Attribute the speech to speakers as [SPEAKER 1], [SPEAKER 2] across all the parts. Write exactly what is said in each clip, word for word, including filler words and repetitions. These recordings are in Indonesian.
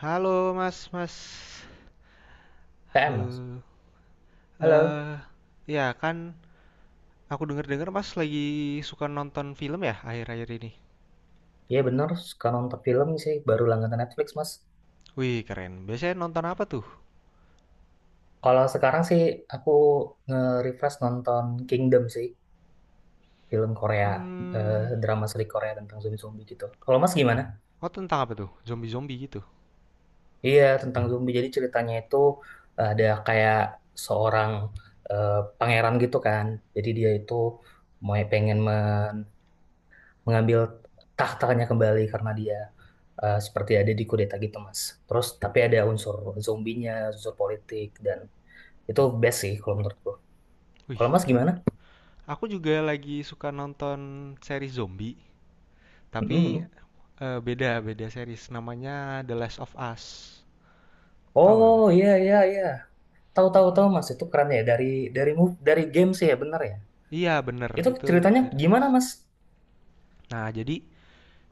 [SPEAKER 1] Halo Mas, Mas.
[SPEAKER 2] T M, Mas.
[SPEAKER 1] Halo.
[SPEAKER 2] Halo.
[SPEAKER 1] Eh, ya kan aku denger-dengar Mas lagi suka nonton film ya akhir-akhir ini.
[SPEAKER 2] Iya bener, suka nonton film sih, baru langganan Netflix, Mas.
[SPEAKER 1] Wih, keren. Biasanya nonton apa tuh?
[SPEAKER 2] Kalau sekarang sih aku nge-refresh nonton Kingdom sih, film Korea,
[SPEAKER 1] Hmm,
[SPEAKER 2] eh, drama seri Korea tentang zombie-zombie gitu. Kalau Mas gimana?
[SPEAKER 1] oh tentang apa tuh? Zombie-zombie gitu.
[SPEAKER 2] Iya, tentang zombie. Jadi ceritanya itu ada kayak seorang eh, pangeran gitu kan. Jadi dia itu mau pengen men mengambil tahtanya kembali karena dia eh, seperti ada di kudeta gitu Mas. Terus tapi ada unsur zombinya, unsur politik dan itu best sih kalau menurutku.
[SPEAKER 1] Wih,
[SPEAKER 2] Kalau Mas
[SPEAKER 1] keren.
[SPEAKER 2] gimana?
[SPEAKER 1] Aku juga lagi suka nonton seri zombie, tapi
[SPEAKER 2] Mm-mm.
[SPEAKER 1] eh, beda beda series namanya The Last of Us. Tahu nggak?
[SPEAKER 2] Oh,
[SPEAKER 1] Mas?
[SPEAKER 2] iya, iya, iya. Tahu, tahu,
[SPEAKER 1] Mm-mm.
[SPEAKER 2] tahu, Mas itu keren ya dari dari move dari game sih ya bener ya.
[SPEAKER 1] Iya, bener
[SPEAKER 2] Itu
[SPEAKER 1] itu
[SPEAKER 2] ceritanya gimana
[SPEAKER 1] diadaptasi.
[SPEAKER 2] Mas?
[SPEAKER 1] Nah, jadi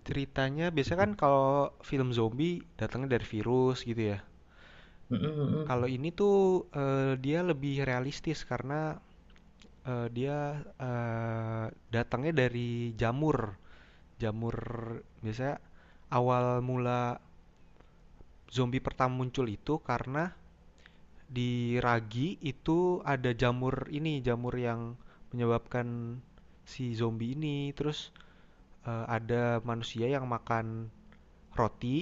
[SPEAKER 1] ceritanya biasanya kan kalau film zombie datangnya dari virus gitu ya.
[SPEAKER 2] Mm-mm,
[SPEAKER 1] Kalau
[SPEAKER 2] mm-mm.
[SPEAKER 1] ini tuh eh, dia lebih realistis karena eh, dia eh, datangnya dari jamur. Jamur biasanya awal mula zombie pertama muncul itu karena di ragi itu ada jamur ini, jamur yang menyebabkan si zombie ini. Terus eh, ada manusia yang makan roti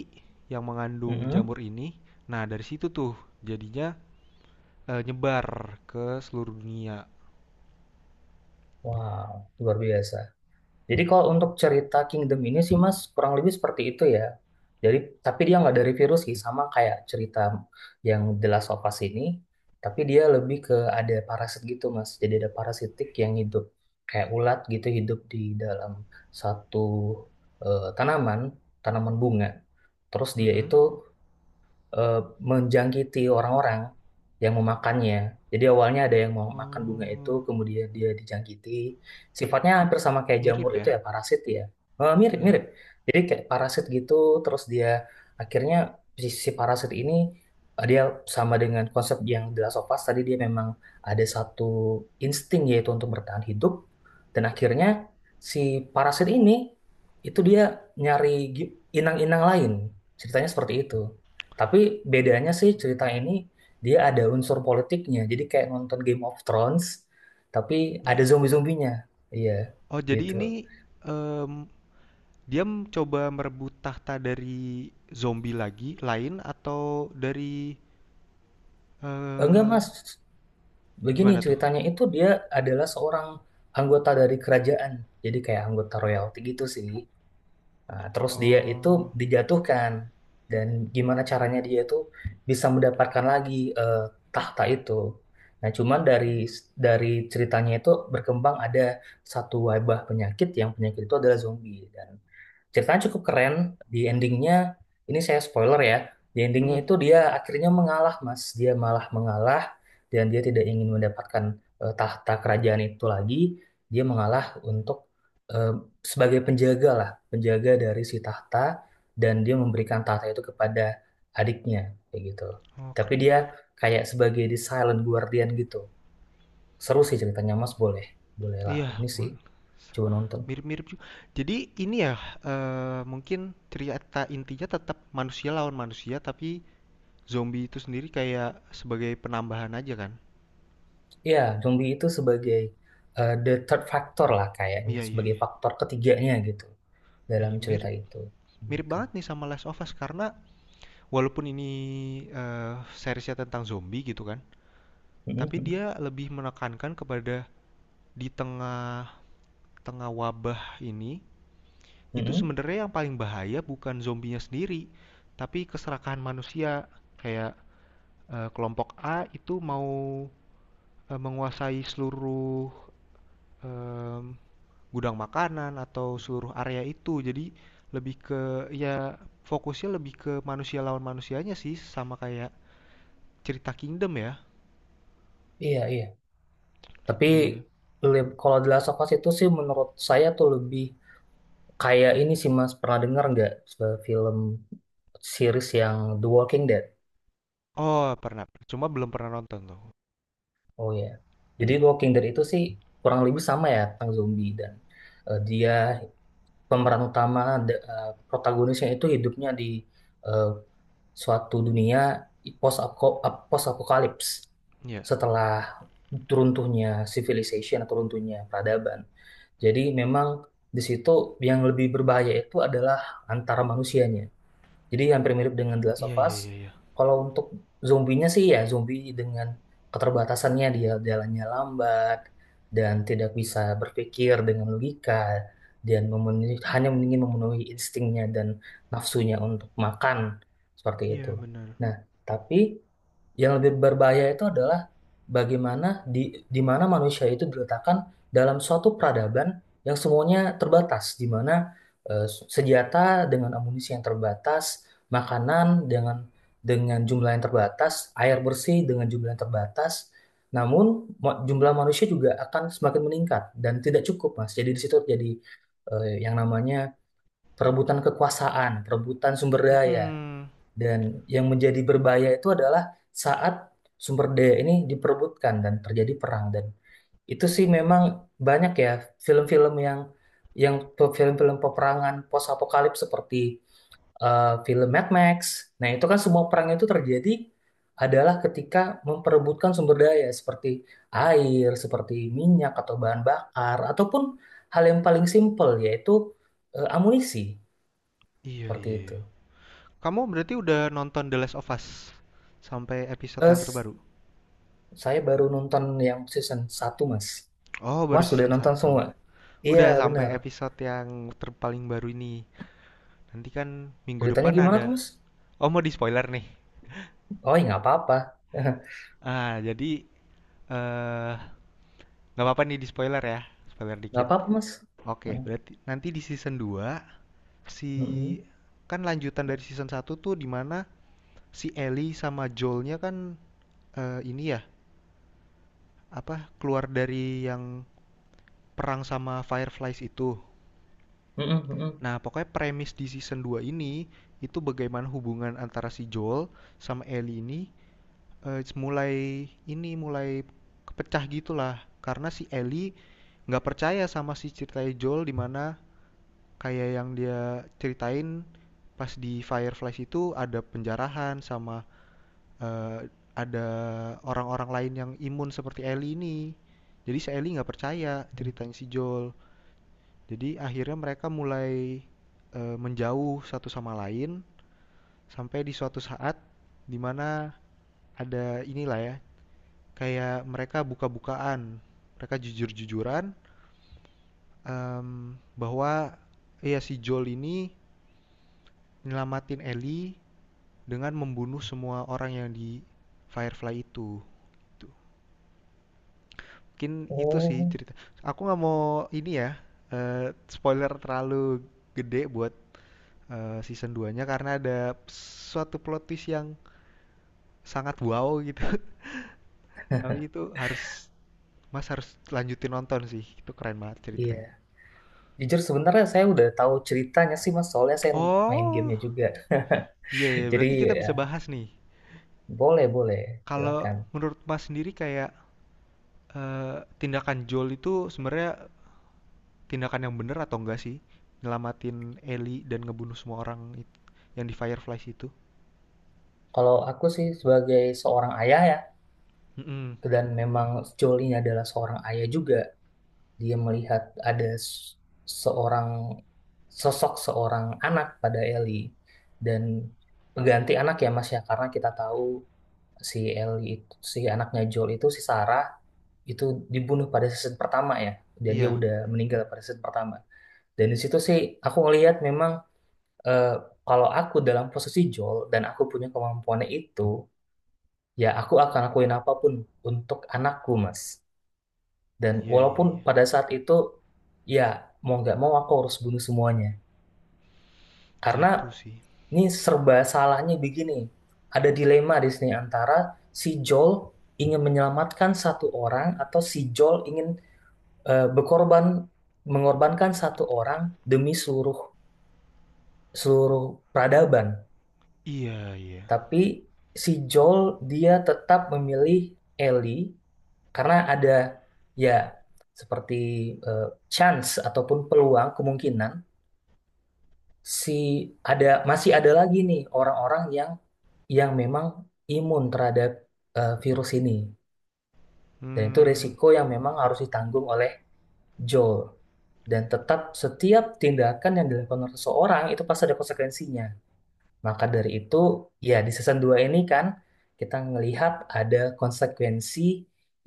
[SPEAKER 1] yang mengandung
[SPEAKER 2] Mm-mm.
[SPEAKER 1] jamur ini. Nah, dari situ tuh jadinya eh, nyebar ke seluruh dunia.
[SPEAKER 2] Wow, luar biasa. Jadi kalau untuk cerita Kingdom ini sih Mas kurang lebih seperti itu ya. Jadi tapi dia nggak dari virus sih sama kayak cerita yang The Last of Us ini, tapi dia lebih ke ada parasit gitu Mas. Jadi ada parasitik yang hidup kayak ulat gitu hidup di dalam satu eh, tanaman, tanaman bunga. Terus dia
[SPEAKER 1] Mm-mm.
[SPEAKER 2] itu eh, menjangkiti orang-orang yang memakannya. Jadi awalnya ada yang mau makan bunga itu,
[SPEAKER 1] Oh,
[SPEAKER 2] kemudian dia dijangkiti. Sifatnya hampir sama kayak jamur
[SPEAKER 1] mirip
[SPEAKER 2] itu
[SPEAKER 1] ya?
[SPEAKER 2] ya, parasit ya. Eh,
[SPEAKER 1] Iya.
[SPEAKER 2] Mirip-mirip. Jadi kayak parasit gitu, terus dia akhirnya si, si parasit ini eh, dia sama dengan konsep yang di Last of Us, tadi dia memang ada satu insting yaitu untuk bertahan hidup. Dan akhirnya si parasit ini itu dia nyari gi- inang-inang lain. Ceritanya seperti itu. Tapi bedanya sih cerita
[SPEAKER 1] Hmm.
[SPEAKER 2] ini dia ada unsur politiknya. Jadi kayak nonton Game of Thrones, tapi ada
[SPEAKER 1] Ya.
[SPEAKER 2] zombie-zombinya. Iya,
[SPEAKER 1] Oh,
[SPEAKER 2] gitu.
[SPEAKER 1] jadi ini em, dia mencoba merebut tahta dari zombie lagi, lain atau dari
[SPEAKER 2] Enggak,
[SPEAKER 1] eh
[SPEAKER 2] Mas. Begini
[SPEAKER 1] gimana tuh?
[SPEAKER 2] ceritanya itu dia adalah seorang anggota dari kerajaan. Jadi kayak anggota royalty gitu sih. Nah, terus dia itu
[SPEAKER 1] Oh,
[SPEAKER 2] dijatuhkan dan gimana caranya dia itu bisa mendapatkan lagi eh, tahta itu. Nah, cuman dari dari ceritanya itu berkembang ada satu wabah penyakit yang penyakit itu adalah zombie dan ceritanya cukup keren. Di endingnya, ini saya spoiler ya. Di endingnya
[SPEAKER 1] mm-mm.
[SPEAKER 2] itu dia akhirnya mengalah, Mas. Dia malah mengalah dan dia tidak ingin mendapatkan eh, tahta kerajaan itu lagi. Dia mengalah untuk eh, sebagai penjaga lah, penjaga dari si tahta dan dia memberikan tahta itu kepada adiknya kayak gitu.
[SPEAKER 1] Oh,
[SPEAKER 2] Tapi
[SPEAKER 1] keren.
[SPEAKER 2] dia kayak sebagai the silent guardian gitu. Seru sih ceritanya, Mas. Boleh, boleh lah.
[SPEAKER 1] Iya,
[SPEAKER 2] Ini sih
[SPEAKER 1] mul-
[SPEAKER 2] coba nonton.
[SPEAKER 1] mirip-mirip juga. Jadi ini ya eh, mungkin cerita intinya tetap manusia lawan manusia tapi zombie itu sendiri kayak sebagai penambahan aja kan.
[SPEAKER 2] Ya, zombie itu sebagai eh, the third factor lah kayaknya,
[SPEAKER 1] Iya iya
[SPEAKER 2] sebagai
[SPEAKER 1] iya.
[SPEAKER 2] faktor ketiganya gitu dalam
[SPEAKER 1] Iya,
[SPEAKER 2] cerita
[SPEAKER 1] mirip
[SPEAKER 2] itu.
[SPEAKER 1] mirip
[SPEAKER 2] Gitu.
[SPEAKER 1] banget nih sama Last of Us karena walaupun ini eh, seriesnya tentang zombie gitu kan, tapi
[SPEAKER 2] Mhm.
[SPEAKER 1] dia lebih menekankan kepada di tengah tengah wabah ini itu
[SPEAKER 2] Mhm.
[SPEAKER 1] sebenarnya yang paling bahaya bukan zombinya sendiri, tapi keserakahan manusia kayak eh, kelompok A itu mau eh, menguasai seluruh em, gudang makanan atau seluruh area itu. Jadi lebih ke ya fokusnya lebih ke manusia lawan manusianya sih sama kayak cerita Kingdom ya.
[SPEAKER 2] Iya, iya.
[SPEAKER 1] Nah,
[SPEAKER 2] Tapi
[SPEAKER 1] itu dia.
[SPEAKER 2] le- kalau The Last of Us itu sih menurut saya tuh lebih kayak ini sih Mas, pernah dengar nggak se- film series yang The Walking Dead?
[SPEAKER 1] Oh, pernah. Cuma belum pernah nonton tuh.
[SPEAKER 2] Oh ya. Jadi The Walking Dead itu sih kurang lebih sama ya tentang zombie dan eh, dia pemeran utama, ada, eh, protagonisnya itu hidupnya di eh, suatu dunia post post apokalips
[SPEAKER 1] Iya.
[SPEAKER 2] setelah runtuhnya civilization atau runtuhnya peradaban. Jadi memang di situ yang lebih berbahaya itu adalah antara manusianya. Jadi hampir mirip dengan The Last
[SPEAKER 1] Iya,
[SPEAKER 2] of
[SPEAKER 1] iya,
[SPEAKER 2] Us.
[SPEAKER 1] iya, iya.
[SPEAKER 2] Kalau untuk zombinya sih ya zombie dengan keterbatasannya dia jalannya lambat dan tidak bisa berpikir dengan logika dan memenuhi, hanya ingin memenuhi instingnya dan nafsunya untuk makan seperti itu.
[SPEAKER 1] Iya, benar.
[SPEAKER 2] Nah, tapi yang lebih berbahaya itu adalah bagaimana di di mana manusia itu diletakkan dalam suatu peradaban yang semuanya terbatas, di mana eh, senjata dengan amunisi yang terbatas, makanan dengan dengan jumlah yang terbatas, air bersih dengan jumlah yang terbatas. Namun mo- jumlah manusia juga akan semakin meningkat dan tidak cukup, Mas. Jadi di situ jadi eh, yang namanya perebutan kekuasaan, perebutan sumber daya.
[SPEAKER 1] Mm-mm.
[SPEAKER 2] Dan yang menjadi berbahaya itu adalah saat sumber daya ini diperebutkan dan terjadi perang dan itu sih memang banyak ya film-film yang yang film-film peperangan post apokalips seperti eh, film Mad Max. Nah, itu kan semua perang itu terjadi adalah ketika memperebutkan sumber daya seperti air, seperti minyak atau bahan bakar ataupun hal yang paling simpel yaitu eh, amunisi
[SPEAKER 1] Iya,
[SPEAKER 2] seperti
[SPEAKER 1] iya,
[SPEAKER 2] itu.
[SPEAKER 1] iya. Kamu berarti udah nonton The Last of Us sampai episode
[SPEAKER 2] Eh,
[SPEAKER 1] yang
[SPEAKER 2] s-
[SPEAKER 1] terbaru?
[SPEAKER 2] Saya baru nonton yang season satu, Mas.
[SPEAKER 1] Oh, baru
[SPEAKER 2] Mas sudah
[SPEAKER 1] season
[SPEAKER 2] nonton
[SPEAKER 1] satu.
[SPEAKER 2] semua? Iya,
[SPEAKER 1] Udah sampai
[SPEAKER 2] benar.
[SPEAKER 1] episode yang terpaling baru ini. Nanti kan minggu
[SPEAKER 2] Ceritanya
[SPEAKER 1] depan
[SPEAKER 2] gimana
[SPEAKER 1] ada.
[SPEAKER 2] tuh, Mas?
[SPEAKER 1] Oh mau di spoiler nih.
[SPEAKER 2] Oh, ya nggak apa-apa.
[SPEAKER 1] Ah jadi eh nggak apa-apa nih di spoiler ya. Spoiler
[SPEAKER 2] Nggak
[SPEAKER 1] dikit.
[SPEAKER 2] apa-apa, Mas.
[SPEAKER 1] Oke berarti nanti di season dua si
[SPEAKER 2] Mm-mm.
[SPEAKER 1] kan lanjutan dari season satu tuh dimana si Ellie sama Joelnya kan eh, ini ya apa keluar dari yang perang sama Fireflies itu.
[SPEAKER 2] Mm-mm, mm-mm.
[SPEAKER 1] Nah pokoknya premis di season dua ini itu bagaimana hubungan antara si Joel sama Ellie ini Eee, mulai ini, mulai kepecah gitulah, karena si Ellie nggak percaya sama si ceritanya Joel, di mana kayak yang dia ceritain pas di Fireflies itu ada penjarahan sama, eee, ada orang-orang lain yang imun seperti Ellie ini. Jadi si Ellie nggak percaya ceritanya si Joel. Jadi akhirnya mereka mulai, eee, menjauh satu sama lain, sampai di suatu saat di mana ada inilah ya, kayak mereka buka-bukaan, mereka jujur-jujuran em, bahwa ya si Joel ini nyelamatin Ellie dengan membunuh semua orang yang di Firefly itu. Tuh. Mungkin itu sih
[SPEAKER 2] Oh,
[SPEAKER 1] cerita. Aku nggak mau ini ya eh, spoiler terlalu gede buat eh, season dua-nya karena ada suatu plot twist yang sangat wow gitu. Tapi itu harus Mas harus lanjutin nonton sih. Itu keren banget ceritanya.
[SPEAKER 2] iya. Jujur sebenarnya saya udah tahu ceritanya sih, Mas. Soalnya saya main
[SPEAKER 1] Oh,
[SPEAKER 2] gamenya juga.
[SPEAKER 1] iya, iya,
[SPEAKER 2] Jadi,
[SPEAKER 1] berarti kita bisa
[SPEAKER 2] ya,
[SPEAKER 1] bahas nih.
[SPEAKER 2] boleh, boleh.
[SPEAKER 1] Kalau
[SPEAKER 2] Silakan.
[SPEAKER 1] menurut Mas sendiri kayak eh, tindakan Joel itu sebenarnya tindakan yang benar atau enggak sih? Nyelamatin Ellie dan ngebunuh semua orang it- yang di Fireflies itu.
[SPEAKER 2] Kalau aku sih sebagai seorang ayah ya,
[SPEAKER 1] Mm-mm.
[SPEAKER 2] dan memang Jolly adalah seorang ayah juga. Dia melihat ada s- seorang sosok seorang anak pada Ellie dan pengganti anak ya Mas ya karena kita tahu si Ellie itu si anaknya Joel itu si Sarah itu dibunuh pada season pertama ya dan dia
[SPEAKER 1] Iya,
[SPEAKER 2] udah meninggal pada season pertama dan di situ sih aku ngelihat memang eh, kalau aku dalam posisi Joel dan aku punya kemampuannya itu ya aku akan lakuin apapun untuk anakku Mas dan
[SPEAKER 1] iya, iya,
[SPEAKER 2] walaupun
[SPEAKER 1] iya.
[SPEAKER 2] pada saat itu, ya mau nggak mau aku harus bunuh semuanya.
[SPEAKER 1] Nah
[SPEAKER 2] Karena
[SPEAKER 1] itu sih.
[SPEAKER 2] ini serba salahnya begini. Ada dilema di sini antara si Joel ingin menyelamatkan satu orang atau si Joel ingin eh, berkorban mengorbankan satu orang demi seluruh seluruh peradaban.
[SPEAKER 1] Iya, iya.
[SPEAKER 2] Tapi si Joel dia tetap memilih Ellie karena ada ya seperti eh, chance ataupun peluang kemungkinan si ada masih ada lagi nih orang-orang yang yang memang imun terhadap eh, virus ini dan itu
[SPEAKER 1] Hmm,
[SPEAKER 2] resiko yang memang harus ditanggung oleh Joel dan tetap setiap tindakan yang dilakukan oleh seseorang itu pasti ada konsekuensinya maka dari itu ya di season dua ini kan kita melihat ada konsekuensi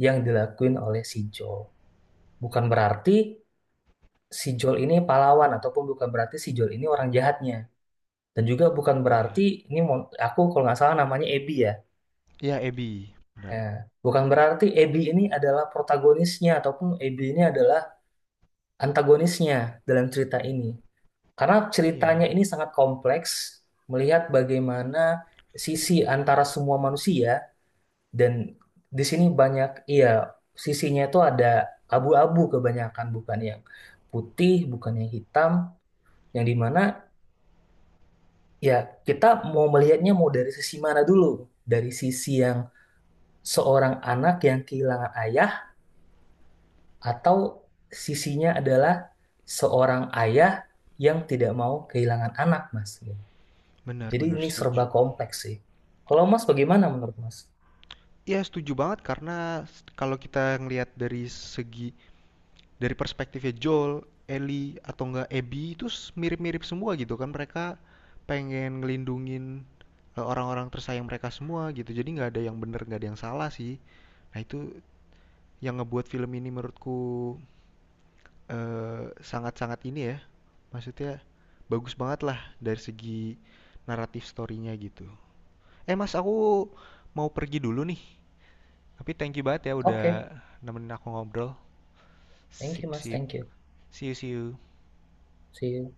[SPEAKER 2] yang dilakuin oleh si Joel bukan berarti si Joel ini pahlawan ataupun bukan berarti si Joel ini orang jahatnya. Dan juga bukan berarti
[SPEAKER 1] iya.
[SPEAKER 2] ini mon- aku kalau nggak salah namanya Abby ya.
[SPEAKER 1] Iya, Abby. Benar.
[SPEAKER 2] Ya, bukan berarti Abby ini adalah protagonisnya ataupun Abby ini adalah antagonisnya dalam cerita ini. Karena ceritanya
[SPEAKER 1] Iya,
[SPEAKER 2] ini sangat kompleks melihat bagaimana sisi antara semua manusia dan di sini banyak iya sisinya itu ada abu-abu kebanyakan bukan yang putih, bukan yang hitam, yang dimana ya kita mau melihatnya mau dari sisi mana dulu? Dari sisi yang seorang anak yang kehilangan ayah atau sisinya adalah seorang ayah yang tidak mau kehilangan anak, Mas. Gitu. Jadi
[SPEAKER 1] benar-benar
[SPEAKER 2] ini serba
[SPEAKER 1] setuju.
[SPEAKER 2] kompleks sih. Kalau Mas bagaimana menurut Mas?
[SPEAKER 1] Iya, setuju banget karena s- kalau kita ngelihat dari segi dari perspektifnya Joel, Ellie atau enggak Abby itu mirip-mirip semua gitu kan mereka pengen ngelindungin eh, orang-orang tersayang mereka semua gitu jadi nggak ada yang bener nggak ada yang salah sih nah itu yang ngebuat film ini menurutku eh, sangat-sangat ini ya maksudnya bagus banget lah dari segi naratif storynya gitu eh mas aku mau pergi dulu nih tapi thank you banget ya udah
[SPEAKER 2] Oke.
[SPEAKER 1] nemenin aku ngobrol
[SPEAKER 2] Thank you,
[SPEAKER 1] sip
[SPEAKER 2] Mas.
[SPEAKER 1] sip
[SPEAKER 2] Thank you.
[SPEAKER 1] see you see you
[SPEAKER 2] See you.